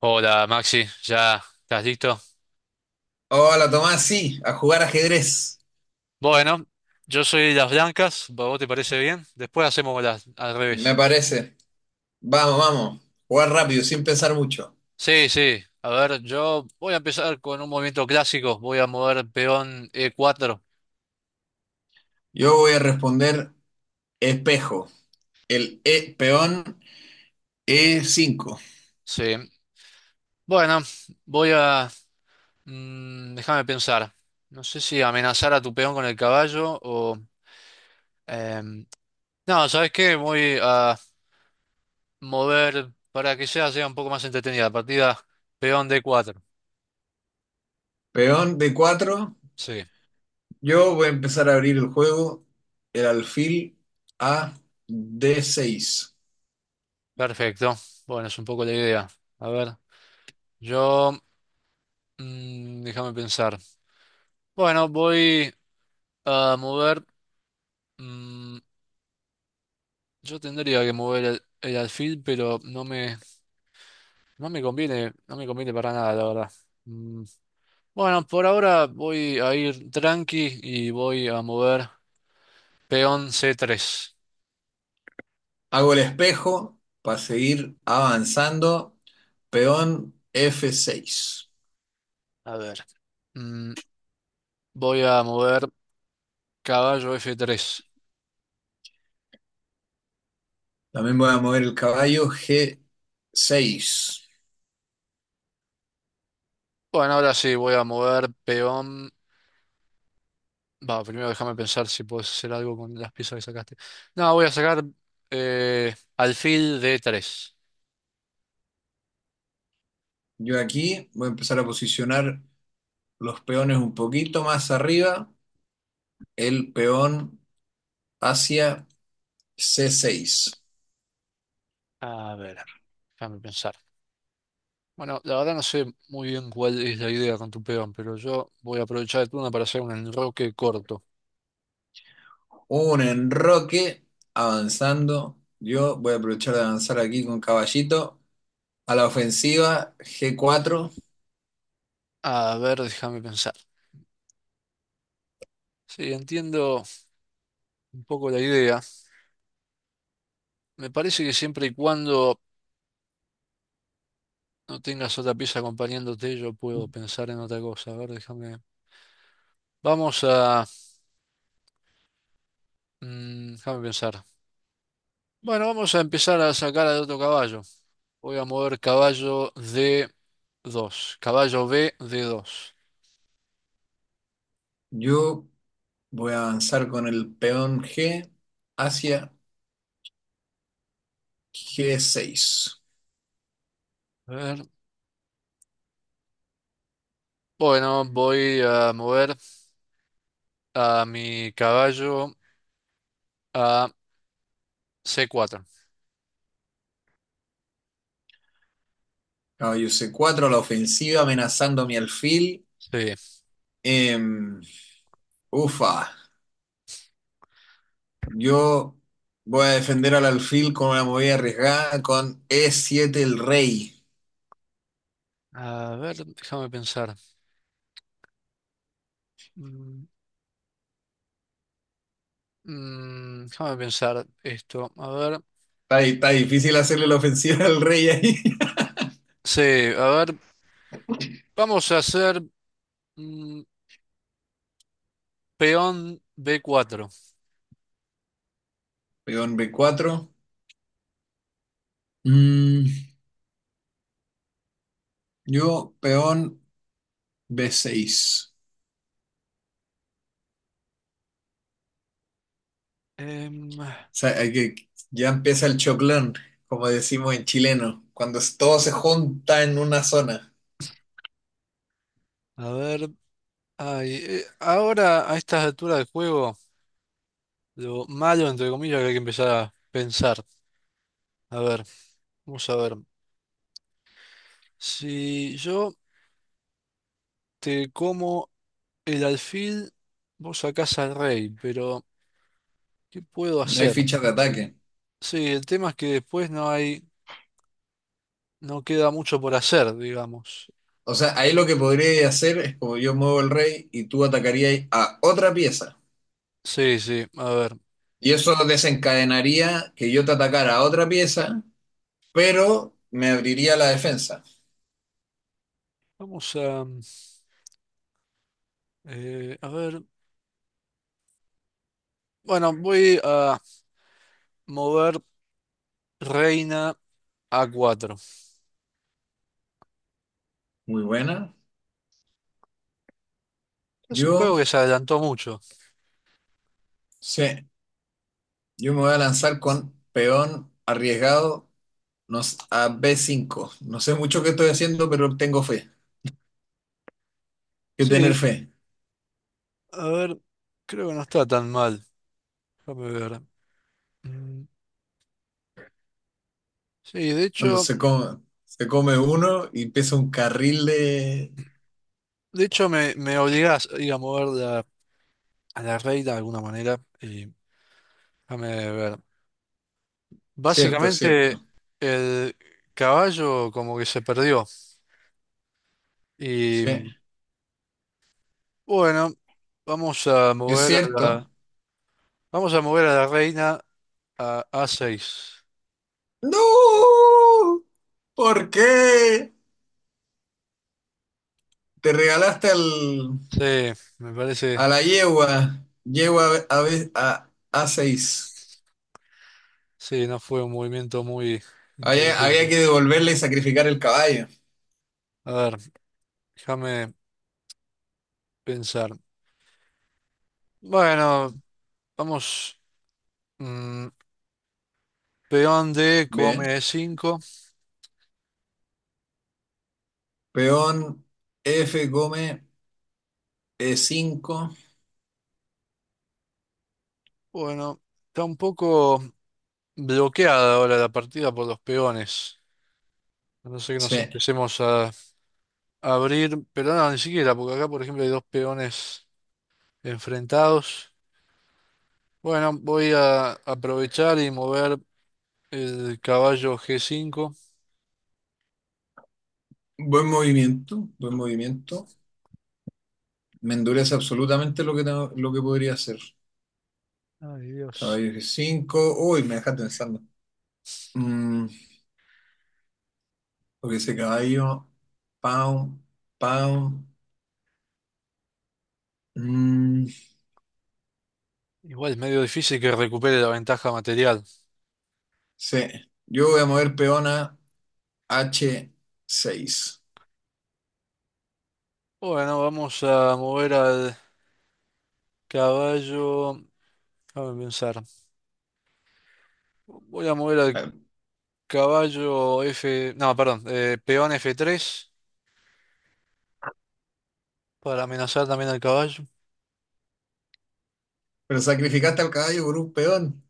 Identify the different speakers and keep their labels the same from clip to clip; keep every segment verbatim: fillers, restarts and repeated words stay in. Speaker 1: Hola Maxi, ¿ya estás listo?
Speaker 2: Hola Tomás, sí, a jugar ajedrez,
Speaker 1: Bueno, yo soy las blancas, ¿a ¿vos te parece bien? Después hacemos las al
Speaker 2: me
Speaker 1: revés.
Speaker 2: parece. Vamos, vamos, jugar rápido, sin pensar mucho.
Speaker 1: Sí, sí, a ver, yo voy a empezar con un movimiento clásico, voy a mover peón e cuatro.
Speaker 2: Yo voy a responder espejo, el e, peón e cinco,
Speaker 1: Sí, bueno, voy a mm, déjame pensar, no sé si amenazar a tu peón con el caballo o... em, no, ¿sabes qué? Voy a mover para que sea, sea un poco más entretenida la partida, peón d cuatro.
Speaker 2: peón d cuatro.
Speaker 1: Sí.
Speaker 2: Yo voy a empezar a abrir el juego, el alfil a d seis.
Speaker 1: Perfecto. Bueno, es un poco la idea. A ver, yo mm, déjame pensar. Bueno, voy a mover... mm, yo tendría que mover el, el alfil, pero no me, no me conviene, no me conviene para nada, la verdad. Mm, bueno, por ahora voy a ir tranqui y voy a mover peón C tres.
Speaker 2: Hago el espejo para seguir avanzando, peón f seis.
Speaker 1: A ver, mm, voy a mover caballo F tres.
Speaker 2: También voy a mover el caballo g seis.
Speaker 1: Bueno, ahora sí, voy a mover peón. Va, primero déjame pensar si puedes hacer algo con las piezas que sacaste. No, voy a sacar eh, alfil de tres.
Speaker 2: Yo aquí voy a empezar a posicionar los peones un poquito más arriba, el peón hacia c seis.
Speaker 1: A ver, déjame pensar. Bueno, la verdad no sé muy bien cuál es la idea con tu peón, pero yo voy a aprovechar el turno para hacer un enroque corto.
Speaker 2: Un enroque avanzando. Yo voy a aprovechar de avanzar aquí con caballito. A la ofensiva, g cuatro.
Speaker 1: A ver, déjame pensar. Sí, entiendo un poco la idea. Me parece que siempre y cuando no tengas otra pieza acompañándote, yo puedo pensar en otra cosa. A ver, déjame. Vamos a... mm, déjame pensar. Bueno, vamos a empezar a sacar al otro caballo. Voy a mover caballo D dos. Caballo B, D dos.
Speaker 2: Yo voy a avanzar con el peón G hacia g seis.
Speaker 1: A ver. Bueno, voy a mover a mi caballo a C cuatro.
Speaker 2: Caballo c cuatro a la ofensiva, amenazando a mi alfil.
Speaker 1: Sí.
Speaker 2: Em, ufa. Yo voy a defender al alfil con una movida arriesgada con e siete el rey.
Speaker 1: A ver, déjame pensar. Mm, mm, Déjame pensar esto. A ver.
Speaker 2: Está, está difícil hacerle la ofensiva al rey ahí.
Speaker 1: Sí, a ver. Vamos a hacer mm, peón B cuatro.
Speaker 2: Peón b cuatro. Mm, yo, peón b seis.
Speaker 1: Em, a
Speaker 2: O sea, hay que, ya empieza el choclón, como decimos en chileno, cuando es- todo se junta en una zona.
Speaker 1: ver. Ay, eh, ahora, a estas alturas del juego, lo malo, entre comillas, que hay que empezar a pensar. A ver, vamos a ver. Si yo te como el alfil, vos sacás al rey, pero ¿qué puedo
Speaker 2: No hay
Speaker 1: hacer?
Speaker 2: fichas de
Speaker 1: Sí,
Speaker 2: ataque.
Speaker 1: sí, el tema es que después no hay, no queda mucho por hacer, digamos.
Speaker 2: O sea, ahí lo que podría hacer es como yo muevo el rey y tú atacarías a otra pieza.
Speaker 1: Sí, sí, a ver.
Speaker 2: Y eso desencadenaría que yo te atacara a otra pieza, pero me abriría la defensa.
Speaker 1: Vamos a, mm, eh, a ver. Bueno, voy a mover reina a cuatro.
Speaker 2: Muy buena.
Speaker 1: Es un
Speaker 2: Yo,
Speaker 1: juego que se adelantó mucho.
Speaker 2: sí, yo me voy a lanzar con peón arriesgado nos- a b cinco. No sé mucho qué estoy haciendo, pero tengo fe. Hay que tener
Speaker 1: Sí,
Speaker 2: fe.
Speaker 1: a ver, creo que no está tan mal. Déjame ver. Mm, Sí, de
Speaker 2: Cuando
Speaker 1: hecho.
Speaker 2: se come, se come uno y empieza un carril de...
Speaker 1: De hecho, me, me obligas a ir a mover la- a la reina de alguna manera. Y déjame ver.
Speaker 2: Cierto, es
Speaker 1: Básicamente,
Speaker 2: cierto.
Speaker 1: el caballo como que se perdió. Y
Speaker 2: Sí,
Speaker 1: mm, bueno, vamos a
Speaker 2: es
Speaker 1: mover a
Speaker 2: cierto.
Speaker 1: la, vamos a mover a la reina a a seis.
Speaker 2: ¡No! ¿Por qué? Te regalaste al...
Speaker 1: Sí, me
Speaker 2: A
Speaker 1: parece,
Speaker 2: la yegua, yegua a, ve- a, a seis.
Speaker 1: sí, no fue un movimiento muy
Speaker 2: Había, había
Speaker 1: inteligente.
Speaker 2: que devolverle y sacrificar el caballo.
Speaker 1: A ver, déjame pensar. Bueno, vamos. mm, Peón D come
Speaker 2: Bien.
Speaker 1: E cinco.
Speaker 2: Peón F come e cinco.
Speaker 1: Bueno, está un poco bloqueada ahora la partida por los peones. A no sé que
Speaker 2: Sí.
Speaker 1: nos empecemos a, a abrir, pero no, ni siquiera, porque acá, por ejemplo, hay dos peones enfrentados. Bueno, voy a aprovechar y mover el caballo G cinco.
Speaker 2: Buen movimiento, buen movimiento. Me endurece absolutamente lo que, tengo- lo que podría hacer.
Speaker 1: Ay, Dios.
Speaker 2: Caballo f cinco. Uy, me dejaste pensando. Mm, porque ese caballo. Pound pound Mm,
Speaker 1: Igual es medio difícil que recupere la ventaja material.
Speaker 2: sí. Yo voy a mover peón a h seis.
Speaker 1: Bueno, vamos a mover al caballo. Déjame pensar. Voy a mover al caballo F. No, perdón, eh, peón F tres, para amenazar también al caballo.
Speaker 2: Pero sacrificaste al caballo por un peón.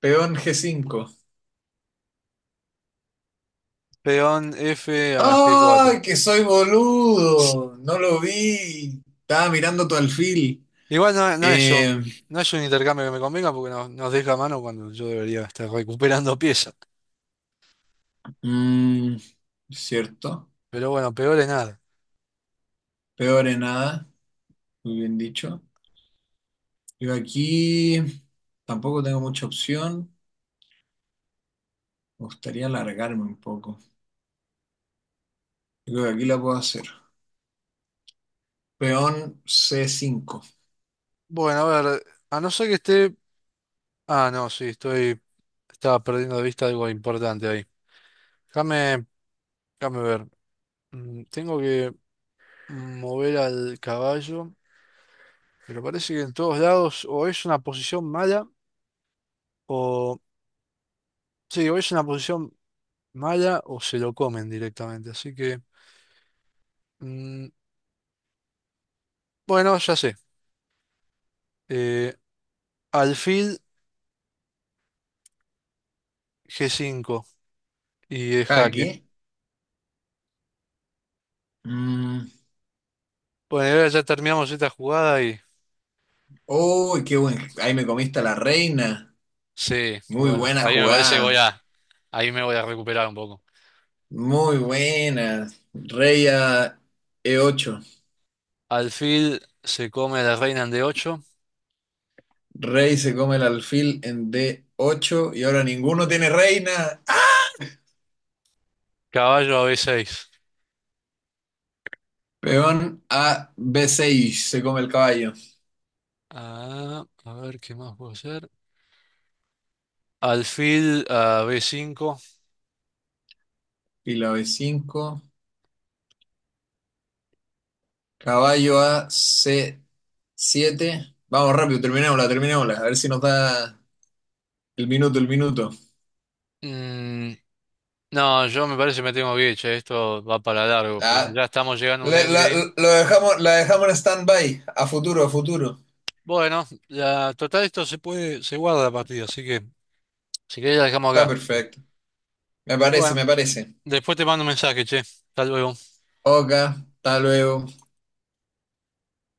Speaker 2: Peón g cinco.
Speaker 1: Peón F a G cuatro.
Speaker 2: ¡Ay, que soy boludo! No lo vi. Estaba mirando tu alfil.
Speaker 1: Igual no, no es
Speaker 2: Eh,
Speaker 1: un, no es un intercambio que me convenga porque no- nos deja a mano cuando yo debería estar recuperando piezas.
Speaker 2: mm, cierto.
Speaker 1: Pero bueno, peor es nada.
Speaker 2: Peor en nada. Muy bien dicho. Yo aquí tampoco tengo mucha opción. Me gustaría alargarme un poco. Yo creo que aquí la puedo hacer. Peón c cinco
Speaker 1: Bueno, a ver, a no ser que esté... Ah, no, sí, estoy... Estaba perdiendo de vista algo importante ahí. Déjame, déjame ver. Mm, Tengo que mover al caballo, pero parece que en todos lados o es una posición mala o... Sí, o es una posición mala o se lo comen directamente. Así que, mm, bueno, ya sé. Eh, Alfil G cinco y es jaque.
Speaker 2: aquí. Mm,
Speaker 1: Bueno, y ahora ya terminamos esta jugada y...
Speaker 2: ¡uy, qué buen! Ahí me comiste a la reina.
Speaker 1: Sí,
Speaker 2: Muy
Speaker 1: bueno,
Speaker 2: buena
Speaker 1: ahí me parece que voy
Speaker 2: jugada.
Speaker 1: a... Ahí me voy a recuperar un poco.
Speaker 2: Muy buenas. Rey a e ocho.
Speaker 1: Alfil se come la reina en D ocho,
Speaker 2: Rey se come el alfil en d ocho y ahora ninguno tiene reina.
Speaker 1: caballo a B seis.
Speaker 2: Peón a b seis, se come el caballo.
Speaker 1: Ah, a ver, ¿qué más puedo hacer? Alfil a B cinco.
Speaker 2: Fila b cinco. Caballo a c siete. Vamos rápido, terminémosla, terminémosla. A ver si nos da el minuto, el minuto.
Speaker 1: Mm, no, yo me parece que me tengo que ir, che, esto va para largo, porque
Speaker 2: Ah,
Speaker 1: ya estamos llegando a un
Speaker 2: le- la,
Speaker 1: endgame.
Speaker 2: lo dejamos, la dejamos en stand-by. A futuro, a futuro.
Speaker 1: Bueno, la total esto se puede, se guarda la partida, así que si querés la dejamos
Speaker 2: Está
Speaker 1: acá. Así que,
Speaker 2: perfecto. Me parece,
Speaker 1: bueno,
Speaker 2: me parece.
Speaker 1: después te mando un mensaje, che. Hasta luego.
Speaker 2: Oka, hasta luego.